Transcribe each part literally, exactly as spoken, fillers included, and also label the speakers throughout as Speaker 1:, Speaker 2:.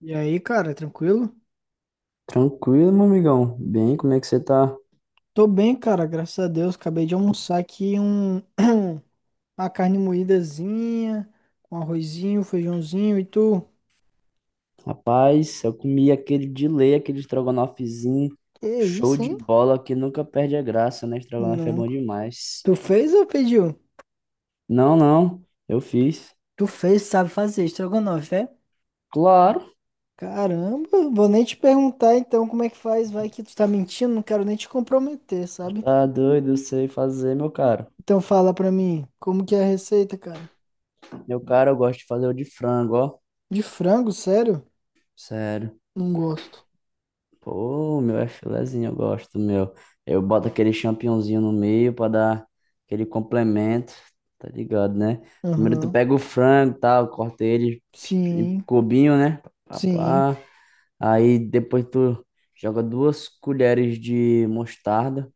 Speaker 1: E aí, cara, tranquilo?
Speaker 2: Tranquilo, meu amigão. Bem, como é que você tá?
Speaker 1: Tô bem, cara, graças a Deus. Acabei de almoçar aqui um uma carne moídazinha, um arrozinho, feijãozinho e tu.
Speaker 2: Rapaz, eu comi aquele de lei, aquele estrogonofezinho.
Speaker 1: Que
Speaker 2: Show
Speaker 1: isso,
Speaker 2: de
Speaker 1: hein?
Speaker 2: bola que nunca perde a graça, né? Estrogonofe é bom
Speaker 1: Nunca.
Speaker 2: demais.
Speaker 1: Tu fez ou pediu?
Speaker 2: Não, não, eu fiz.
Speaker 1: Tu fez, sabe fazer estrogonofe, é?
Speaker 2: Claro,
Speaker 1: Caramba, vou nem te perguntar então como é que faz, vai que tu tá mentindo, não quero nem te comprometer, sabe?
Speaker 2: tá doido, eu sei fazer, meu cara.
Speaker 1: Então fala pra mim, como que é a receita, cara?
Speaker 2: Meu cara, eu gosto de fazer o de frango, ó.
Speaker 1: De frango, sério?
Speaker 2: Sério.
Speaker 1: Não gosto.
Speaker 2: Pô, meu é filezinho, eu gosto, meu. Eu boto aquele champignonzinho no meio pra dar aquele complemento, tá ligado, né? Primeiro tu
Speaker 1: Aham.
Speaker 2: pega o frango e tal, corta ele
Speaker 1: Sim,
Speaker 2: cubinho, né?
Speaker 1: sim.
Speaker 2: Papá. Aí depois tu joga duas colheres de mostarda,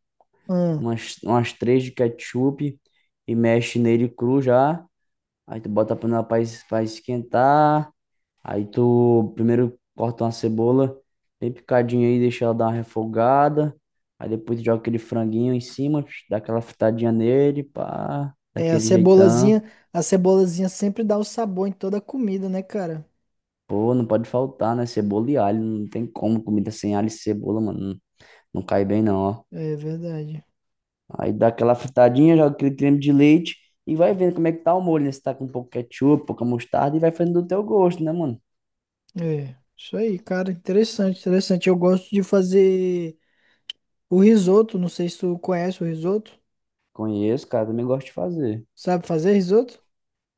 Speaker 1: Ahn.
Speaker 2: umas, umas três de ketchup e mexe nele cru já. Aí tu bota a panela para esquentar. Aí tu primeiro corta uma cebola bem picadinha aí, deixa ela dar uma refogada. Aí depois tu joga aquele franguinho em cima, dá aquela fritadinha nele, pá,
Speaker 1: É, a
Speaker 2: daquele jeitão.
Speaker 1: cebolazinha, a cebolazinha sempre dá o sabor em toda a comida, né, cara?
Speaker 2: Pô, não pode faltar, né? Cebola e alho, não tem como comida sem alho e cebola, mano. Não cai bem, não, ó.
Speaker 1: É verdade.
Speaker 2: Aí dá aquela fritadinha, joga aquele creme de leite e vai vendo como é que tá o molho, né? Se tá com um pouco de ketchup, pouca mostarda e vai fazendo do teu gosto, né, mano?
Speaker 1: É, isso aí, cara, interessante, interessante. Eu gosto de fazer o risoto, não sei se tu conhece o risoto.
Speaker 2: Conheço, cara, também gosto de fazer.
Speaker 1: Sabe fazer risoto?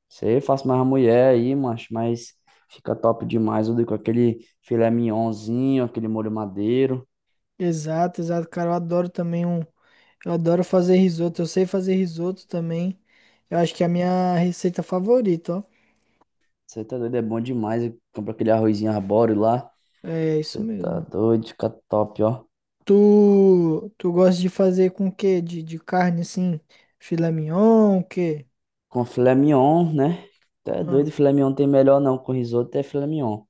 Speaker 2: Sei, faço mais a mulher aí, macho, mas fica top demais. Eu dou com aquele filé mignonzinho, aquele molho madeiro.
Speaker 1: Exato, exato, cara, eu adoro também um, eu adoro fazer risoto, eu sei fazer risoto também. Eu acho que é a minha receita favorita, ó.
Speaker 2: Você tá doido, é bom demais. Compra aquele arrozinho arbóreo lá.
Speaker 1: É isso
Speaker 2: Você tá
Speaker 1: mesmo.
Speaker 2: doido, fica top, ó.
Speaker 1: Tu, tu gosta de fazer com o quê? De, de carne assim, filé mignon, o quê?
Speaker 2: Com filé mignon, né? Tu é doido, filé mignon não tem melhor não. Com risoto é filé mignon.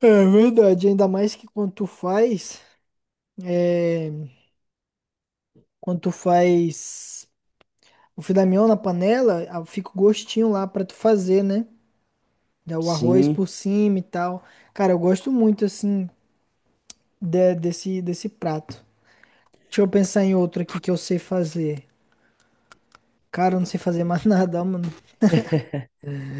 Speaker 1: É verdade, ainda mais que quando tu faz, é, quando tu faz o filé mignon na panela, ah, fica o gostinho lá pra tu fazer, né? Dá o arroz
Speaker 2: Sim.
Speaker 1: por cima e tal. Cara, eu gosto muito assim de- desse desse prato. Deixa eu pensar em outro aqui que eu sei fazer. Cara, eu não sei fazer mais nada, mano.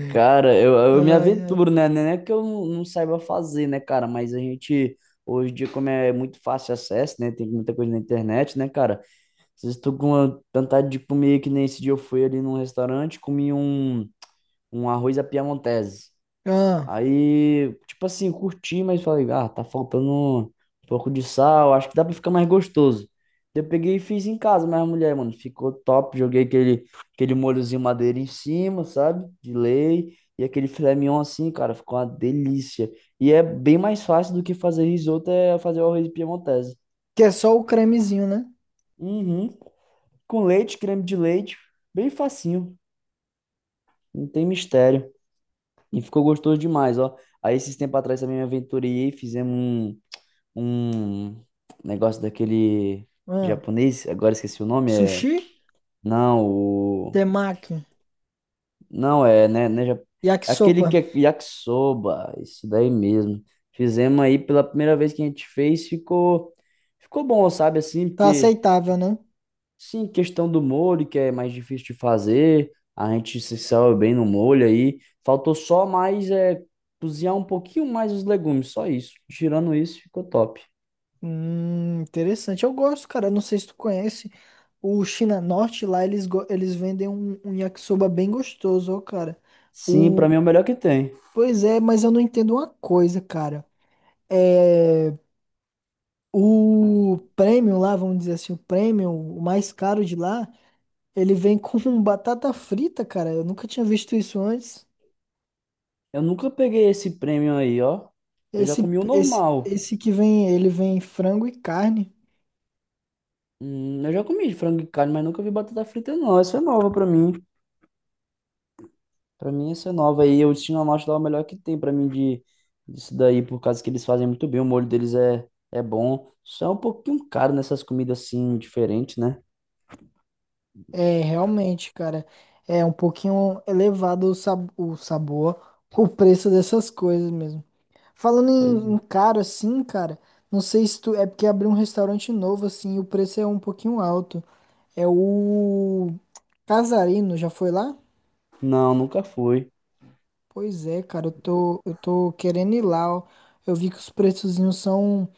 Speaker 2: Cara, eu, eu me
Speaker 1: Ai, ai.
Speaker 2: aventuro, né? Não é que eu não, não saiba fazer, né, cara? Mas a gente, hoje em dia, como é muito fácil acesso, né? Tem muita coisa na internet, né, cara? Às vezes tô com uma vontade de comer, que nem esse dia eu fui ali num restaurante, comi um, um arroz à piamontese.
Speaker 1: Ah,
Speaker 2: Aí, tipo assim, curti, mas falei, ah, tá faltando um pouco de sal, acho que dá pra ficar mais gostoso. Eu peguei e fiz em casa, mas a mulher, mano, ficou top. Joguei aquele, aquele molhozinho madeira em cima, sabe? De lei. E aquele filé mignon assim, cara, ficou uma delícia. E é bem mais fácil do que fazer risoto, é fazer o arroz piemontese.
Speaker 1: que é só o cremezinho, né?
Speaker 2: Uhum. Com leite, creme de leite, bem facinho, não tem mistério. E ficou gostoso demais, ó. Aí esses tempos atrás também me aventurei, fizemos um. um negócio daquele
Speaker 1: Ah,
Speaker 2: japonês, agora esqueci o nome, é.
Speaker 1: sushi,
Speaker 2: Não, o.
Speaker 1: temaki,
Speaker 2: Não, é, né? né ja- Aquele
Speaker 1: yakisoba.
Speaker 2: que é yakisoba, isso daí mesmo. Fizemos aí pela primeira vez que a gente fez, ficou. Ficou bom, sabe? Assim,
Speaker 1: Tá
Speaker 2: porque,
Speaker 1: aceitável, né?
Speaker 2: sim, questão do molho, que é mais difícil de fazer, a gente se saiu bem no molho aí. Faltou só mais, é, cozinhar um pouquinho mais os legumes, só isso. Tirando isso, ficou top.
Speaker 1: Hum, interessante. Eu gosto, cara. Não sei se tu conhece o China Norte lá, eles, go- eles vendem um, um yakisoba bem gostoso, ó, cara.
Speaker 2: Sim, pra mim
Speaker 1: O...
Speaker 2: é o melhor que tem.
Speaker 1: Pois é, mas eu não entendo uma coisa, cara. É... O premium lá, vamos dizer assim, o premium, o mais caro de lá, ele vem com batata frita, cara. Eu nunca tinha visto isso antes.
Speaker 2: Eu nunca peguei esse prêmio aí, ó. Eu já
Speaker 1: Esse,
Speaker 2: comi o
Speaker 1: esse,
Speaker 2: normal.
Speaker 1: esse que vem, ele vem frango e carne.
Speaker 2: Hum, eu já comi de frango e carne, mas nunca vi batata frita, não. Essa é nova pra mim. Pra mim, essa é nova. E o Destino à Morte lá é o melhor que tem pra mim de, disso daí, por causa que eles fazem muito bem. O molho deles é, é bom. Só é um pouquinho caro nessas comidas assim, diferentes, né?
Speaker 1: É, realmente, cara, é um pouquinho elevado o, sab o sabor, o preço dessas coisas mesmo. Falando
Speaker 2: Pois
Speaker 1: em, em
Speaker 2: é.
Speaker 1: caro assim, cara, não sei se tu, é porque abriu um restaurante novo assim, e o preço é um pouquinho alto. É o Casarino, já foi lá?
Speaker 2: Não, nunca foi.
Speaker 1: Pois é, cara, eu tô, eu tô querendo ir lá, ó. Eu vi que os preçozinhos são,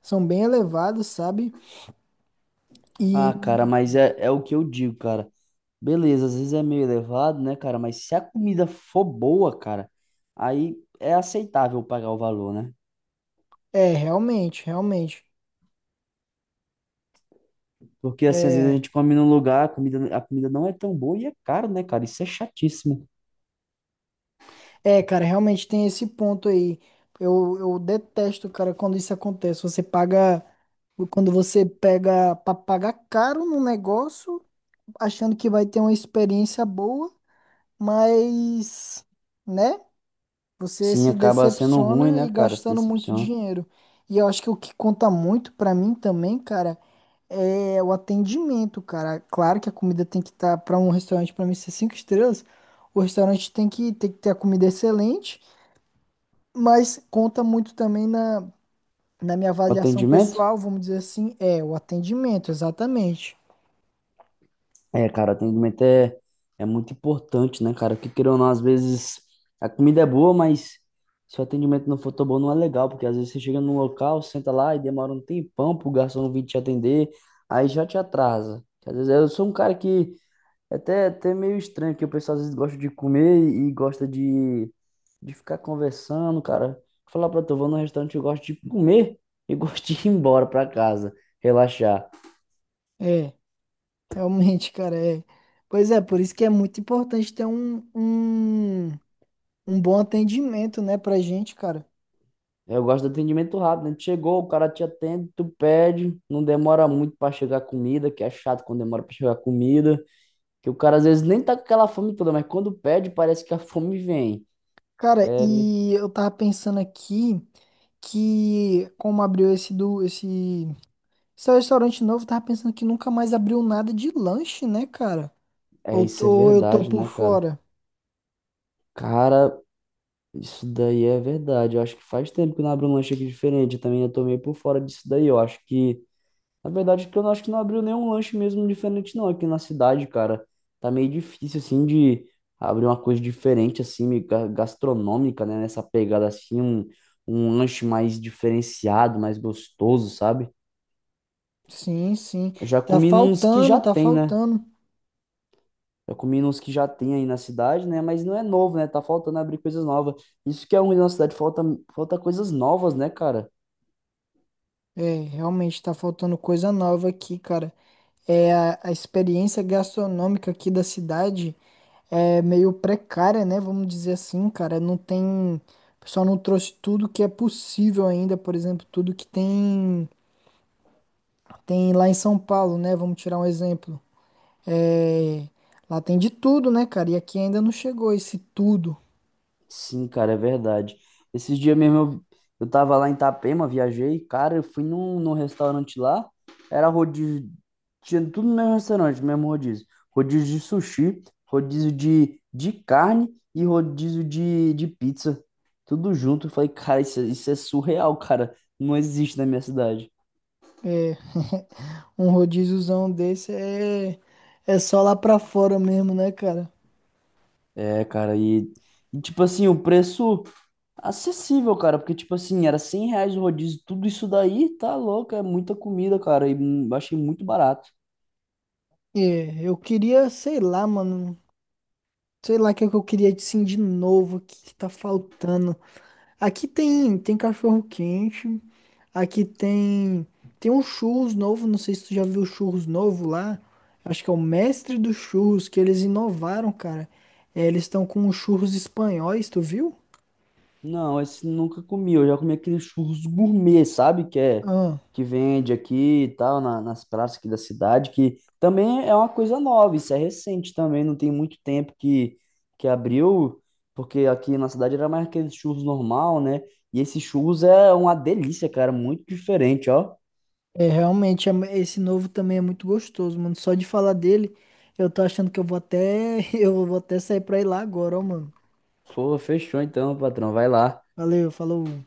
Speaker 1: são bem elevados, sabe? E
Speaker 2: Ah, cara, mas é, é o que eu digo, cara. Beleza, às vezes é meio elevado, né, cara? Mas se a comida for boa, cara, aí é aceitável pagar o valor, né?
Speaker 1: é, realmente, realmente.
Speaker 2: Porque, assim, às vezes a
Speaker 1: É.
Speaker 2: gente come num lugar, a comida, a comida não é tão boa e é caro, né, cara? Isso é chatíssimo.
Speaker 1: É, cara, realmente tem esse ponto aí. Eu, eu detesto, cara, quando isso acontece. Você paga, quando você pega pra pagar caro num negócio, achando que vai ter uma experiência boa, mas, né? Você
Speaker 2: Sim,
Speaker 1: se
Speaker 2: acaba sendo ruim,
Speaker 1: decepciona
Speaker 2: né,
Speaker 1: e
Speaker 2: cara? Se
Speaker 1: gastando muito
Speaker 2: decepciona.
Speaker 1: dinheiro. E eu acho que o que conta muito pra mim também, cara, é o atendimento, cara. Claro que a comida tem que estar tá, para um restaurante, pra mim ser cinco estrelas, o restaurante tem que, tem que ter a comida excelente, mas conta muito também na, na minha
Speaker 2: O
Speaker 1: avaliação
Speaker 2: atendimento?
Speaker 1: pessoal, vamos dizer assim, é o atendimento, exatamente.
Speaker 2: É, cara, o atendimento é, é muito importante, né, cara? Porque, querendo ou não, às vezes a comida é boa, mas se o atendimento não for tão bom, não é legal. Porque às vezes você chega num local, senta lá e demora um tempão pro garçom vir te atender, aí já te atrasa. Às vezes eu sou um cara que é até, até meio estranho, que o pessoal às vezes gosta de comer e gosta de, de ficar conversando, cara. Falar pra tu, eu vou num restaurante, eu gosto de comer e gosto de ir embora pra casa, relaxar.
Speaker 1: É, realmente, cara, é. Pois é, por isso que é muito importante ter um, um, um bom atendimento, né, pra gente, cara.
Speaker 2: Eu gosto do atendimento rápido, né? Chegou, o cara te atende, tu pede, não demora muito pra chegar a comida, que é chato quando demora pra chegar a comida, que o cara às vezes nem tá com aquela fome toda, mas quando pede, parece que a fome vem.
Speaker 1: Cara,
Speaker 2: É, me-
Speaker 1: e eu tava pensando aqui que como abriu esse do esse, esse restaurante novo, eu tava pensando que nunca mais abriu nada de lanche, né, cara?
Speaker 2: é,
Speaker 1: Ou,
Speaker 2: isso é
Speaker 1: ou eu tô
Speaker 2: verdade,
Speaker 1: por
Speaker 2: né, cara?
Speaker 1: fora?
Speaker 2: Cara, isso daí é verdade. Eu acho que faz tempo que não abre um lanche aqui diferente. Eu também eu tô meio por fora disso daí. Eu acho que, na verdade, que eu não acho que não abriu nenhum lanche mesmo diferente, não. Aqui na cidade, cara, tá meio difícil, assim, de abrir uma coisa diferente, assim, meio ga- gastronômica, né? Nessa pegada, assim, um, um lanche mais diferenciado, mais gostoso, sabe?
Speaker 1: Sim, sim.
Speaker 2: Eu já
Speaker 1: Tá
Speaker 2: comi nos que
Speaker 1: faltando,
Speaker 2: já
Speaker 1: tá
Speaker 2: tem, né?
Speaker 1: faltando.
Speaker 2: Já comi nos que já tem aí na cidade, né? Mas não é novo, né? Tá faltando abrir coisas novas. Isso que é ruim na cidade, falta, falta coisas novas, né, cara?
Speaker 1: É, realmente tá faltando coisa nova aqui, cara. É a, a experiência gastronômica aqui da cidade é meio precária, né? Vamos dizer assim, cara. Não tem, o pessoal não trouxe tudo que é possível ainda, por exemplo, tudo que tem tem lá em São Paulo, né? Vamos tirar um exemplo. É, lá tem de tudo, né, cara? E aqui ainda não chegou esse tudo.
Speaker 2: Sim, cara, é verdade. Esses dias mesmo eu, eu tava lá em Itapema, viajei, cara, eu fui num, num restaurante lá, era rodízio, tinha tudo no mesmo restaurante, no mesmo rodízio. Rodízio de sushi, rodízio de, de carne e rodízio de, de pizza. Tudo junto. Eu falei, cara, isso, é- isso é surreal, cara. Não existe na minha cidade.
Speaker 1: É, um rodíziozão desse é é só lá pra fora mesmo, né, cara?
Speaker 2: É, cara, e, e tipo assim, o preço. Acessível, cara, porque, tipo assim, era cem reais o rodízio, tudo isso daí, tá louco, é muita comida, cara, e hum, achei muito barato.
Speaker 1: É, eu queria, sei lá, mano. Sei lá o que é que eu queria assim de novo, o que que tá faltando. Aqui tem tem cachorro quente, aqui tem tem um churros novo, não sei se tu já viu o churros novo lá. Acho que é o mestre dos churros que eles inovaram, cara. É, eles estão com os churros espanhóis, tu viu?
Speaker 2: Não, esse nunca comi, eu já comi aqueles churros gourmet, sabe, que é,
Speaker 1: Ah,
Speaker 2: que vende aqui e tal, na- nas praças aqui da cidade, que também é uma coisa nova, isso é recente também, não tem muito tempo que, que abriu, porque aqui na cidade era mais aqueles churros normal, né, e esses churros é uma delícia, cara, muito diferente, ó.
Speaker 1: é realmente é mu- esse novo também é muito gostoso, mano. Só de falar dele, eu tô achando que eu vou até eu vou até sair pra ir lá agora, ó, mano.
Speaker 2: Pô, fechou então, patrão, vai lá.
Speaker 1: Valeu, falou.